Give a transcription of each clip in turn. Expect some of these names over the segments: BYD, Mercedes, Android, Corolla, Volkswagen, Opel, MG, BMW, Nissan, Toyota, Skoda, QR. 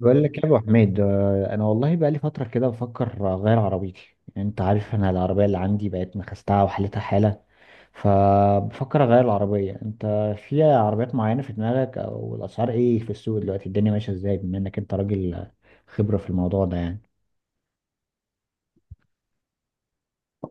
بقول لك يا ابو حميد انا والله بقى لي فتره كده بفكر اغير عربيتي. يعني انت عارف انا العربيه اللي عندي بقت نخستها وحالتها حاله، فبفكر اغير العربيه. انت في عربيات معينه في دماغك، او الاسعار ايه في السوق دلوقتي، الدنيا ماشيه ازاي، بما انك انت راجل خبره في الموضوع ده يعني.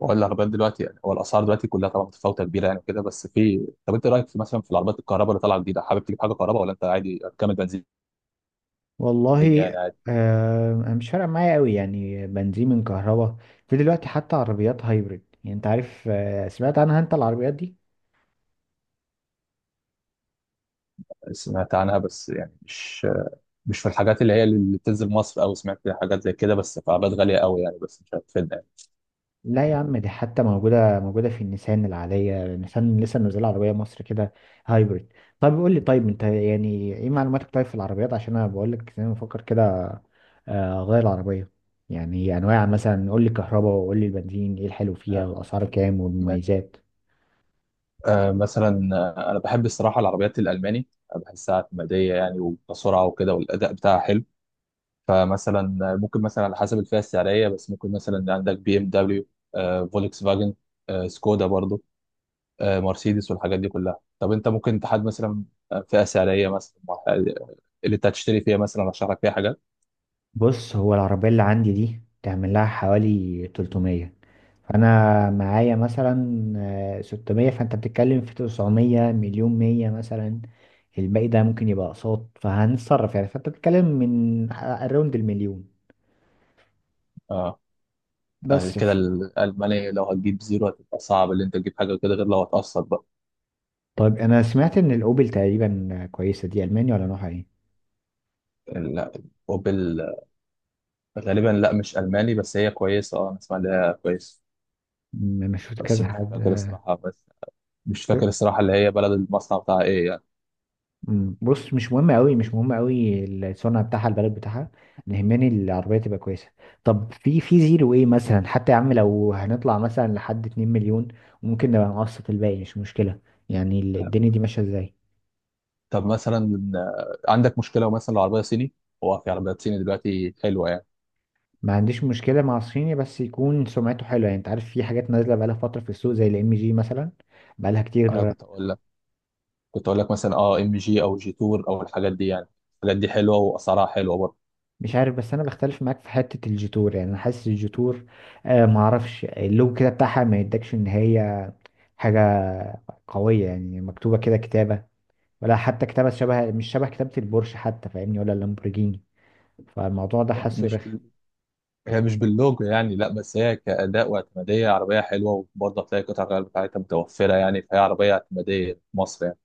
ولا العربيات دلوقتي، يعني هو الاسعار دلوقتي كلها طبعا متفاوته كبيره، يعني وكده بس في طب انت رايك في مثلا في العربيات الكهرباء اللي طالعه جديده؟ حابب تجيب حاجه كهرباء ولا انت عادي هتكمل بنزين؟ يعني والله عادي. آه مش فارقه معايا قوي يعني، بنزين من كهرباء. في دلوقتي حتى عربيات هايبريد، يعني انت عارف سمعت عنها انت العربيات دي؟ سمعت عنها بس يعني مش في الحاجات اللي اللي بتنزل مصر، او سمعت حاجات زي كده، بس في عربيات غاليه قوي يعني، بس مش هتفيدنا يعني. لا يا عم دي حتى موجودة موجودة في النيسان العادية. النيسان لسه منزلة عربية مصر كده هايبريد. طيب قول لي، طيب انت يعني ايه معلوماتك طيب في العربيات، عشان انا بقول لك انا بفكر كده اغير العربية. يعني انواع، مثلا قول لي الكهرباء وقول لي البنزين، ايه الحلو فيها آه، والاسعار كام ماشي. والمميزات. مثلا انا بحب الصراحه العربيات الالماني، بحسها اعتماديه يعني وكسرعه وكده، والاداء بتاعها حلو. فمثلا ممكن مثلا على حسب الفئه السعريه، بس ممكن مثلا عندك بي ام دبليو، فولكس فاجن، سكودا برضو، مرسيدس والحاجات دي كلها. طب انت ممكن تحدد مثلا فئه سعريه مثلا اللي انت هتشتري فيها، مثلا ارشح لك فيها حاجات. بص هو العربية اللي عندي دي تعمل لها حوالي 300، فانا معايا مثلا 600، فانت بتتكلم في 900 مليون 100 مثلا. الباقي ده ممكن يبقى اقساط فهنتصرف يعني، فانت بتتكلم من اراوند المليون. اه بس كده ف- الالماني لو هتجيب زيرو هتبقى صعب اللي انت تجيب حاجه كده، غير لو هتقسط بقى. طيب انا سمعت ان الاوبل تقريبا كويسه دي، المانيا ولا نوعها ايه؟ لا، اوبل غالبا لا مش الماني، بس هي كويسه، اه انا اسمع ان هي كويسه. انا شفت بس كذا مش حد. فاكر الصراحه، اللي هي بلد المصنع بتاعها ايه يعني. بص مش مهم قوي، مش مهم قوي الصنع بتاعها البلد بتاعها. اللي يهمني العربيه تبقى كويسه. طب في في زيرو ايه مثلا، حتى يا عم لو هنطلع مثلا لحد 2 مليون ممكن نبقى نقسط الباقي مش مشكله، يعني الدنيا دي ماشيه ازاي؟ طب مثلا، عندك مشكله لو مثلا العربيه صيني؟ هو في عربيات صيني دلوقتي حلوه يعني. ما عنديش مشكله مع الصيني بس يكون سمعته حلوه، يعني انت عارف في حاجات نازله بقالها فتره في السوق زي الام جي مثلا، بقالها انا كتير. كنت اقول لك كنت اقول لك مثلا اه ام جي او جي تور او الحاجات دي يعني، الحاجات دي حلوه واسعارها حلوه برضه. مش عارف بس انا بختلف معاك في حته الجيتور، يعني انا حاسس الجيتور آه معرفش، اللوجو كده بتاعها ما يدكش ان هي حاجة قوية يعني، مكتوبة كده كتابة، ولا حتى كتابة شبه مش شبه كتابة البورش حتى فاهمني، ولا اللامبورجيني. فالموضوع ده حاسه مش رخم. بال... هي مش باللوجو يعني لا، بس هي كاداء واعتماديه عربيه حلوه، وبرضه هتلاقي قطع الغيار بتاعتها متوفره يعني، فهي عربيه اعتماديه في مصر يعني.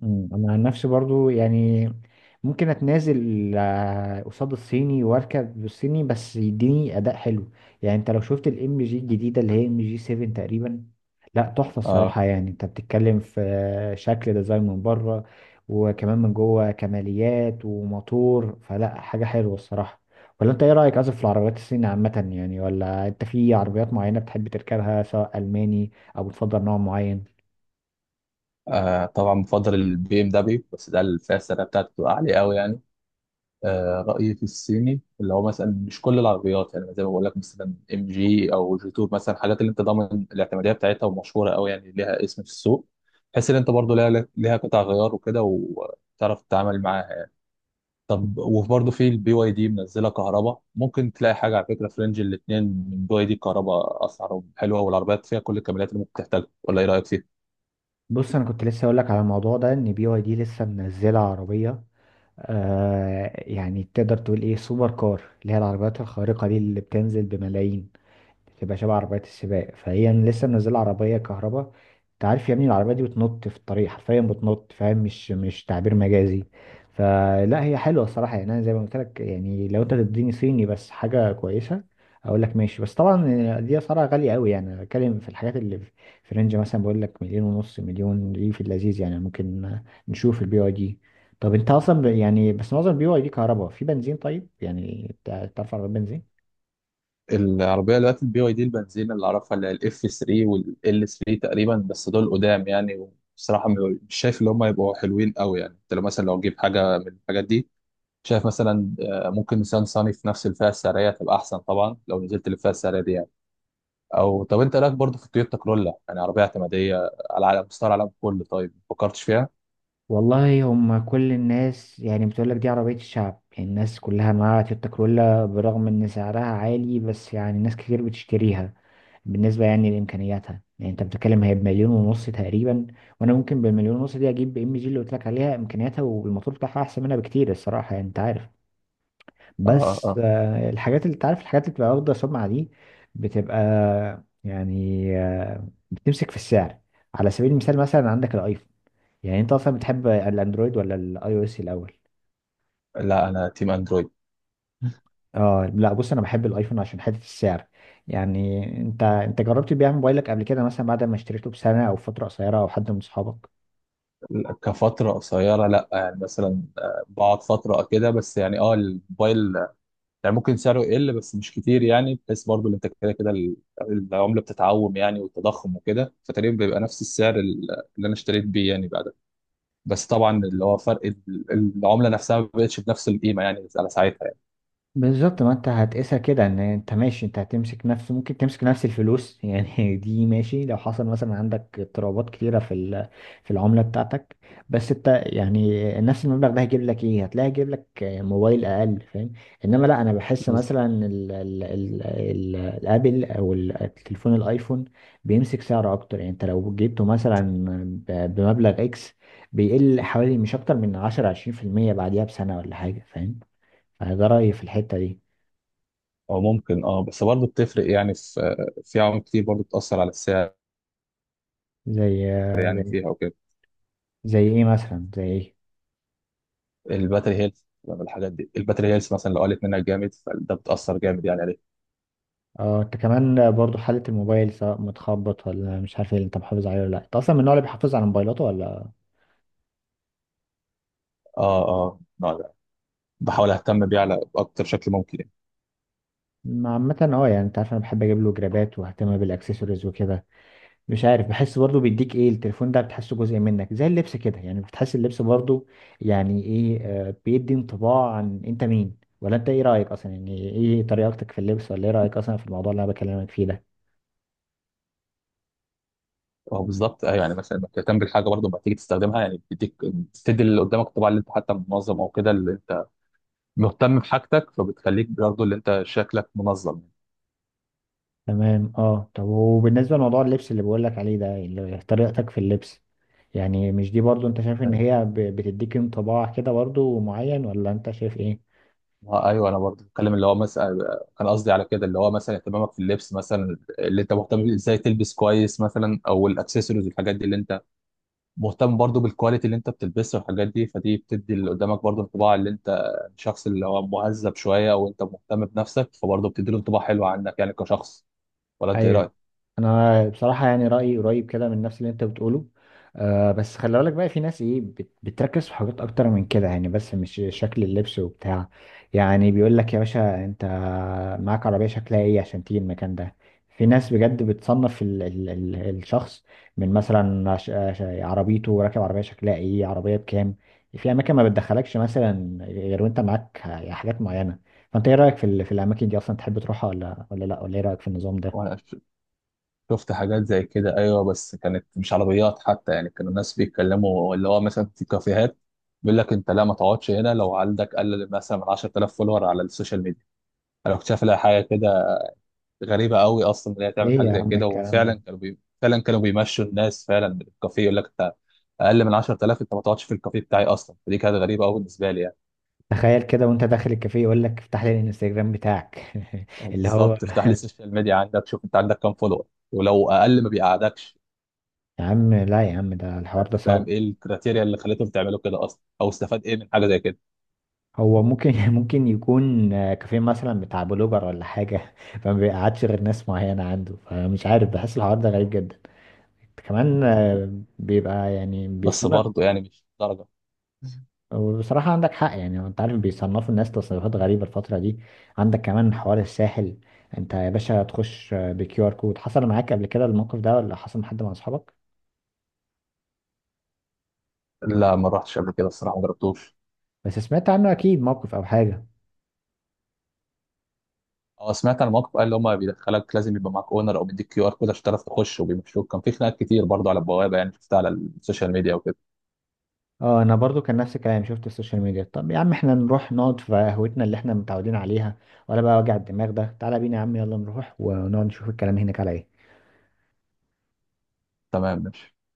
انا عن نفسي برضو يعني ممكن اتنازل قصاد الصيني واركب بالصيني بس يديني اداء حلو. يعني انت لو شفت الام جي الجديده اللي هي ام جي 7 تقريبا، لا تحفه اه, الصراحه. يعني انت بتتكلم في شكل ديزاين من بره، وكمان من جوه كماليات وموتور، فلا حاجه حلوه الصراحه. ولا انت ايه رايك اصلا في العربيات الصينية عامه يعني، ولا انت في عربيات معينه بتحب تركبها سواء الماني او بتفضل نوع معين؟ آه طبعا بفضل البي ام دبليو، بس ده الفئه السعريه بتاعته بتبقى عاليه قوي يعني. رأيي في الصيني اللي هو مثلا مش كل العربيات يعني، زي ما بقول لك مثلا ام جي او جي تور مثلا، حاجات اللي انت ضامن الاعتماديه بتاعتها ومشهوره قوي يعني، ليها اسم في السوق. تحس ان انت برضو ليها قطع غيار وكده، وتعرف تتعامل معاها يعني. طب وبرضه في البي واي دي منزله كهرباء، ممكن تلاقي حاجه. على فكره، في رينج الاثنين من بي واي دي كهرباء اسعارهم حلوه، والعربيات فيها كل الكماليات اللي ممكن تحتاجها. ولا ايه رايك فيها؟ بص انا كنت لسه اقول لك على الموضوع ده ان بي واي دي لسه منزله عربيه آه، يعني تقدر تقول ايه، سوبر كار اللي هي العربيات الخارقه دي اللي بتنزل بملايين، بتبقى شبه عربيات السباق، فهي لسه منزله عربيه كهرباء. انت عارف يا ابني العربيه دي بتنط في الطريق، حرفيا بتنط فاهم، مش تعبير مجازي. فلا هي حلوه الصراحه. يعني انا زي ما قلت لك يعني، لو انت تديني صيني بس حاجه كويسه اقول لك ماشي، بس طبعا دي اسعارها غاليه قوي. يعني أنا بتكلم في الحاجات اللي في في رينج مثلا، بقول لك مليون ونص مليون دي في اللذيذ، يعني ممكن نشوف البي واي دي. طب انت اصلا يعني بس معظم البي واي دي كهرباء في بنزين، طيب يعني تعرف عربيه بنزين؟ العربية دلوقتي البي واي دي البنزين اللي أعرفها اللي هي الإف 3 والإل 3 تقريبا، بس دول قدام يعني. بصراحة مش شايف إن هم يبقوا حلوين قوي يعني. أنت لو مثلا لو تجيب حاجة من الحاجات دي، شايف مثلا ممكن نيسان صاني في نفس الفئة السعرية تبقى أحسن، طبعا لو نزلت للفئة السعرية دي يعني. أو طب أنت إيه رأيك برضه في التويوتا كرولا؟ يعني عربية اعتمادية على مستوى العالم كله، طيب ما فكرتش فيها؟ والله هم كل الناس يعني بتقولك دي عربية الشعب، يعني الناس كلها معاها تويوتا كرولا برغم ان سعرها عالي، بس يعني ناس كتير بتشتريها. بالنسبة يعني لإمكانياتها، يعني انت بتتكلم هي بمليون ونص تقريبا، وانا ممكن بالمليون ونص دي اجيب ام جي اللي قلت لك عليها، امكانياتها والموتور بتاعها احسن منها بكتير الصراحة، يعني انت عارف آه بس آه. الحاجات اللي انت عارف الحاجات اللي بتبقى واخدة سمعة دي بتبقى يعني بتمسك في السعر. على سبيل المثال مثلا عندك الايفون. يعني انت اصلا بتحب الاندرويد ولا الاي او اس الاول؟ لا، أنا تيم أندرويد. اه لا بص انا بحب الايفون عشان حته السعر. يعني انت انت جربت تبيع موبايلك قبل كده مثلا بعد ما اشتريته بسنه او فتره قصيره، او حد من اصحابك؟ كفترة قصيرة لا يعني، مثلا بقعد فترة كده بس، يعني اه الموبايل يعني ممكن سعره يقل بس مش كتير يعني، بحيث برضو ان انت كده كده العمله بتتعوم يعني، والتضخم وكده، فتقريبا بيبقى نفس اللي انا اشتريت بيه يعني بعدها. بس طبعا اللي هو فرق العمله نفسها ما بقتش بنفس القيمه يعني على ساعتها يعني. بالظبط، ما انت هتقيسها كده ان انت ماشي، انت هتمسك نفس ممكن تمسك نفس الفلوس يعني دي ماشي، لو حصل مثلا عندك اضطرابات كتيرة في في العملة بتاعتك. بس انت يعني نفس المبلغ ده هيجيب لك ايه؟ هتلاقي هيجيب لك موبايل اقل فاهم. انما لا، انا بحس مثلا بالظبط اه. ال ال ال ال الابل او التليفون الايفون بيمسك سعر اكتر. يعني انت لو جبته مثلا بمبلغ اكس، بيقل حوالي مش اكتر من 10 20% بعديها بسنة ولا حاجة فاهم. فده رأيي في الحتة دي. او ممكن اه، بس برضو بتفرق يعني، في في عوامل كتير برضو بتاثر على السعر زي يعني زي فيها وكده. زي ايه مثلا؟ زي ايه؟ الباتري هيلث. لما الحاجات دي، الباتري هيلث مثلا لو قلت منها جامد، فده بتاثر جامد يعني عليه. اه انت كمان برضو حالة الموبايل سواء متخبط ولا مش عارف ايه، اللي انت محافظ عليه ولا لا، انت اصلا من النوع اللي بيحافظ على موبايلاته ولا اه اه، نوع ده. يعني؟ بحاول اهتم بيه على اكتر شكل ممكن يعني. ما عامة اه، يعني انت عارف انا بحب اجيب له جرابات واهتم بالاكسسوارز وكده، مش عارف بحس برضو بيديك ايه التليفون ده، بتحسه جزء منك زي اللبس كده. يعني بتحس اللبس برضو يعني ايه، بيدي انطباع عن انت مين، ولا انت ايه رأيك اصلا يعني ايه طريقتك في اللبس، ولا ايه رأيك اصلا في الموضوع اللي انا بكلمك فيه ده؟ اه بالظبط، ايوه يعني مثلا انك تهتم بالحاجه برضه لما تيجي تستخدمها يعني، بتدي اللي قدامك الطباع اللي انت حتى منظم او كده، اللي انت مهتم بحاجتك، فبتخليك برضه اللي انت شكلك منظم. تمام اه، طب وبالنسبة لموضوع اللبس اللي بقولك عليه ده، طريقتك في اللبس، يعني مش دي برضو انت شايف ان هي بتديك انطباع كده برضو معين، ولا انت شايف ايه؟ اه ايوه، انا برضه بتكلم اللي هو مثلا كان قصدي على كده اللي هو مثلا اهتمامك في اللبس مثلا، اللي انت مهتم بيه ازاي تلبس كويس مثلا، او الاكسسوارز والحاجات دي اللي انت مهتم برضه بالكواليتي اللي انت بتلبسها والحاجات دي، فدي بتدي اللي قدامك برضه انطباع اللي انت شخص اللي هو مهذب شويه او انت مهتم بنفسك، فبرضه بتدي له انطباع حلو عنك يعني كشخص. ولا انت ايه رايك؟ انا بصراحه يعني رايي قريب كده من نفس اللي انت بتقوله آه، بس خلي بالك بقى في ناس ايه بتركز في حاجات اكتر من كده يعني، بس مش شكل اللبس وبتاع. يعني بيقول لك يا باشا انت معاك عربيه شكلها ايه عشان تيجي المكان ده. في ناس بجد بتصنف ال ال ال الشخص من مثلا عربيته، راكب عربيه شكلها ايه، عربيه بكام. في اماكن ما بتدخلكش مثلا غير وانت معاك حاجات معينه، فانت ايه رايك في في الاماكن دي اصلا، تحب تروحها، ولا لا، ولا ايه رايك في النظام ده؟ وانا شفت حاجات زي كده ايوه، بس كانت مش عربيات حتى يعني، كانوا الناس بيتكلموا اللي هو مثلا في كافيهات بيقول لك انت لا ما تقعدش هنا لو عندك اقل مثلا من 10,000 فولور على السوشيال ميديا. انا كنت شايف لها حاجه كده غريبه قوي اصلا ان هي تعمل ايه حاجه يا زي عم كده، الكلام ده؟ وفعلا كانوا فعلا كانوا بيمشوا الناس فعلا من الكافيه، يقول لك انت اقل من 10,000 انت ما تقعدش في الكافيه بتاعي اصلا. فدي كانت غريبه قوي بالنسبه لي يعني. تخيل كده وانت داخل الكافيه يقول لك افتح لي الانستجرام بتاعك اللي هو بالظبط، افتح لي السوشيال ميديا عندك، شوف انت عندك كام فولور، ولو اقل ما بيقعدكش. يا عم لا يا عم، ده الحوار ده مش فاهم صعب. ايه الكريتيريا اللي خليتهم تعملوا كده اصلا، او استفاد ايه من حاجه زي كده. هو ممكن ممكن يكون كافيه مثلا بتاع بلوجر ولا حاجة فما بيقعدش غير ناس معينة عنده، فمش عارف بحس الحوار ده غريب جدا. كمان بس بيبقى يعني بس بيصنف. برضه يعني مش درجه. وبصراحة عندك حق، يعني انت عارف بيصنفوا الناس تصنيفات غريبة الفترة دي. عندك كمان حوار الساحل، انت يا باشا تخش بكيو ار كود، حصل معاك قبل كده الموقف ده، ولا حصل مع حد من اصحابك لا، ما رحتش قبل كده الصراحه، ما جربتوش. بس سمعت عنه اكيد موقف او حاجه؟ اه، سمعت عن موقف قال اللي هم بيدخلك لازم يبقى معاك اونر او بيديك كيو ار كود عشان تعرف تخش، وبيمشوك. كان في خناقات كتير برضه على البوابه يعني، شفتها على السوشيال ميديا وكده. اه انا برضو كان نفس الكلام، شفت السوشيال ميديا. طب يا عم احنا نروح نقعد في قهوتنا اللي احنا متعودين عليها، ولا بقى وجع الدماغ ده؟ تعالى بينا يا عم، يلا نروح ونقعد نشوف الكلام هناك على ايه. تمام، ماشي.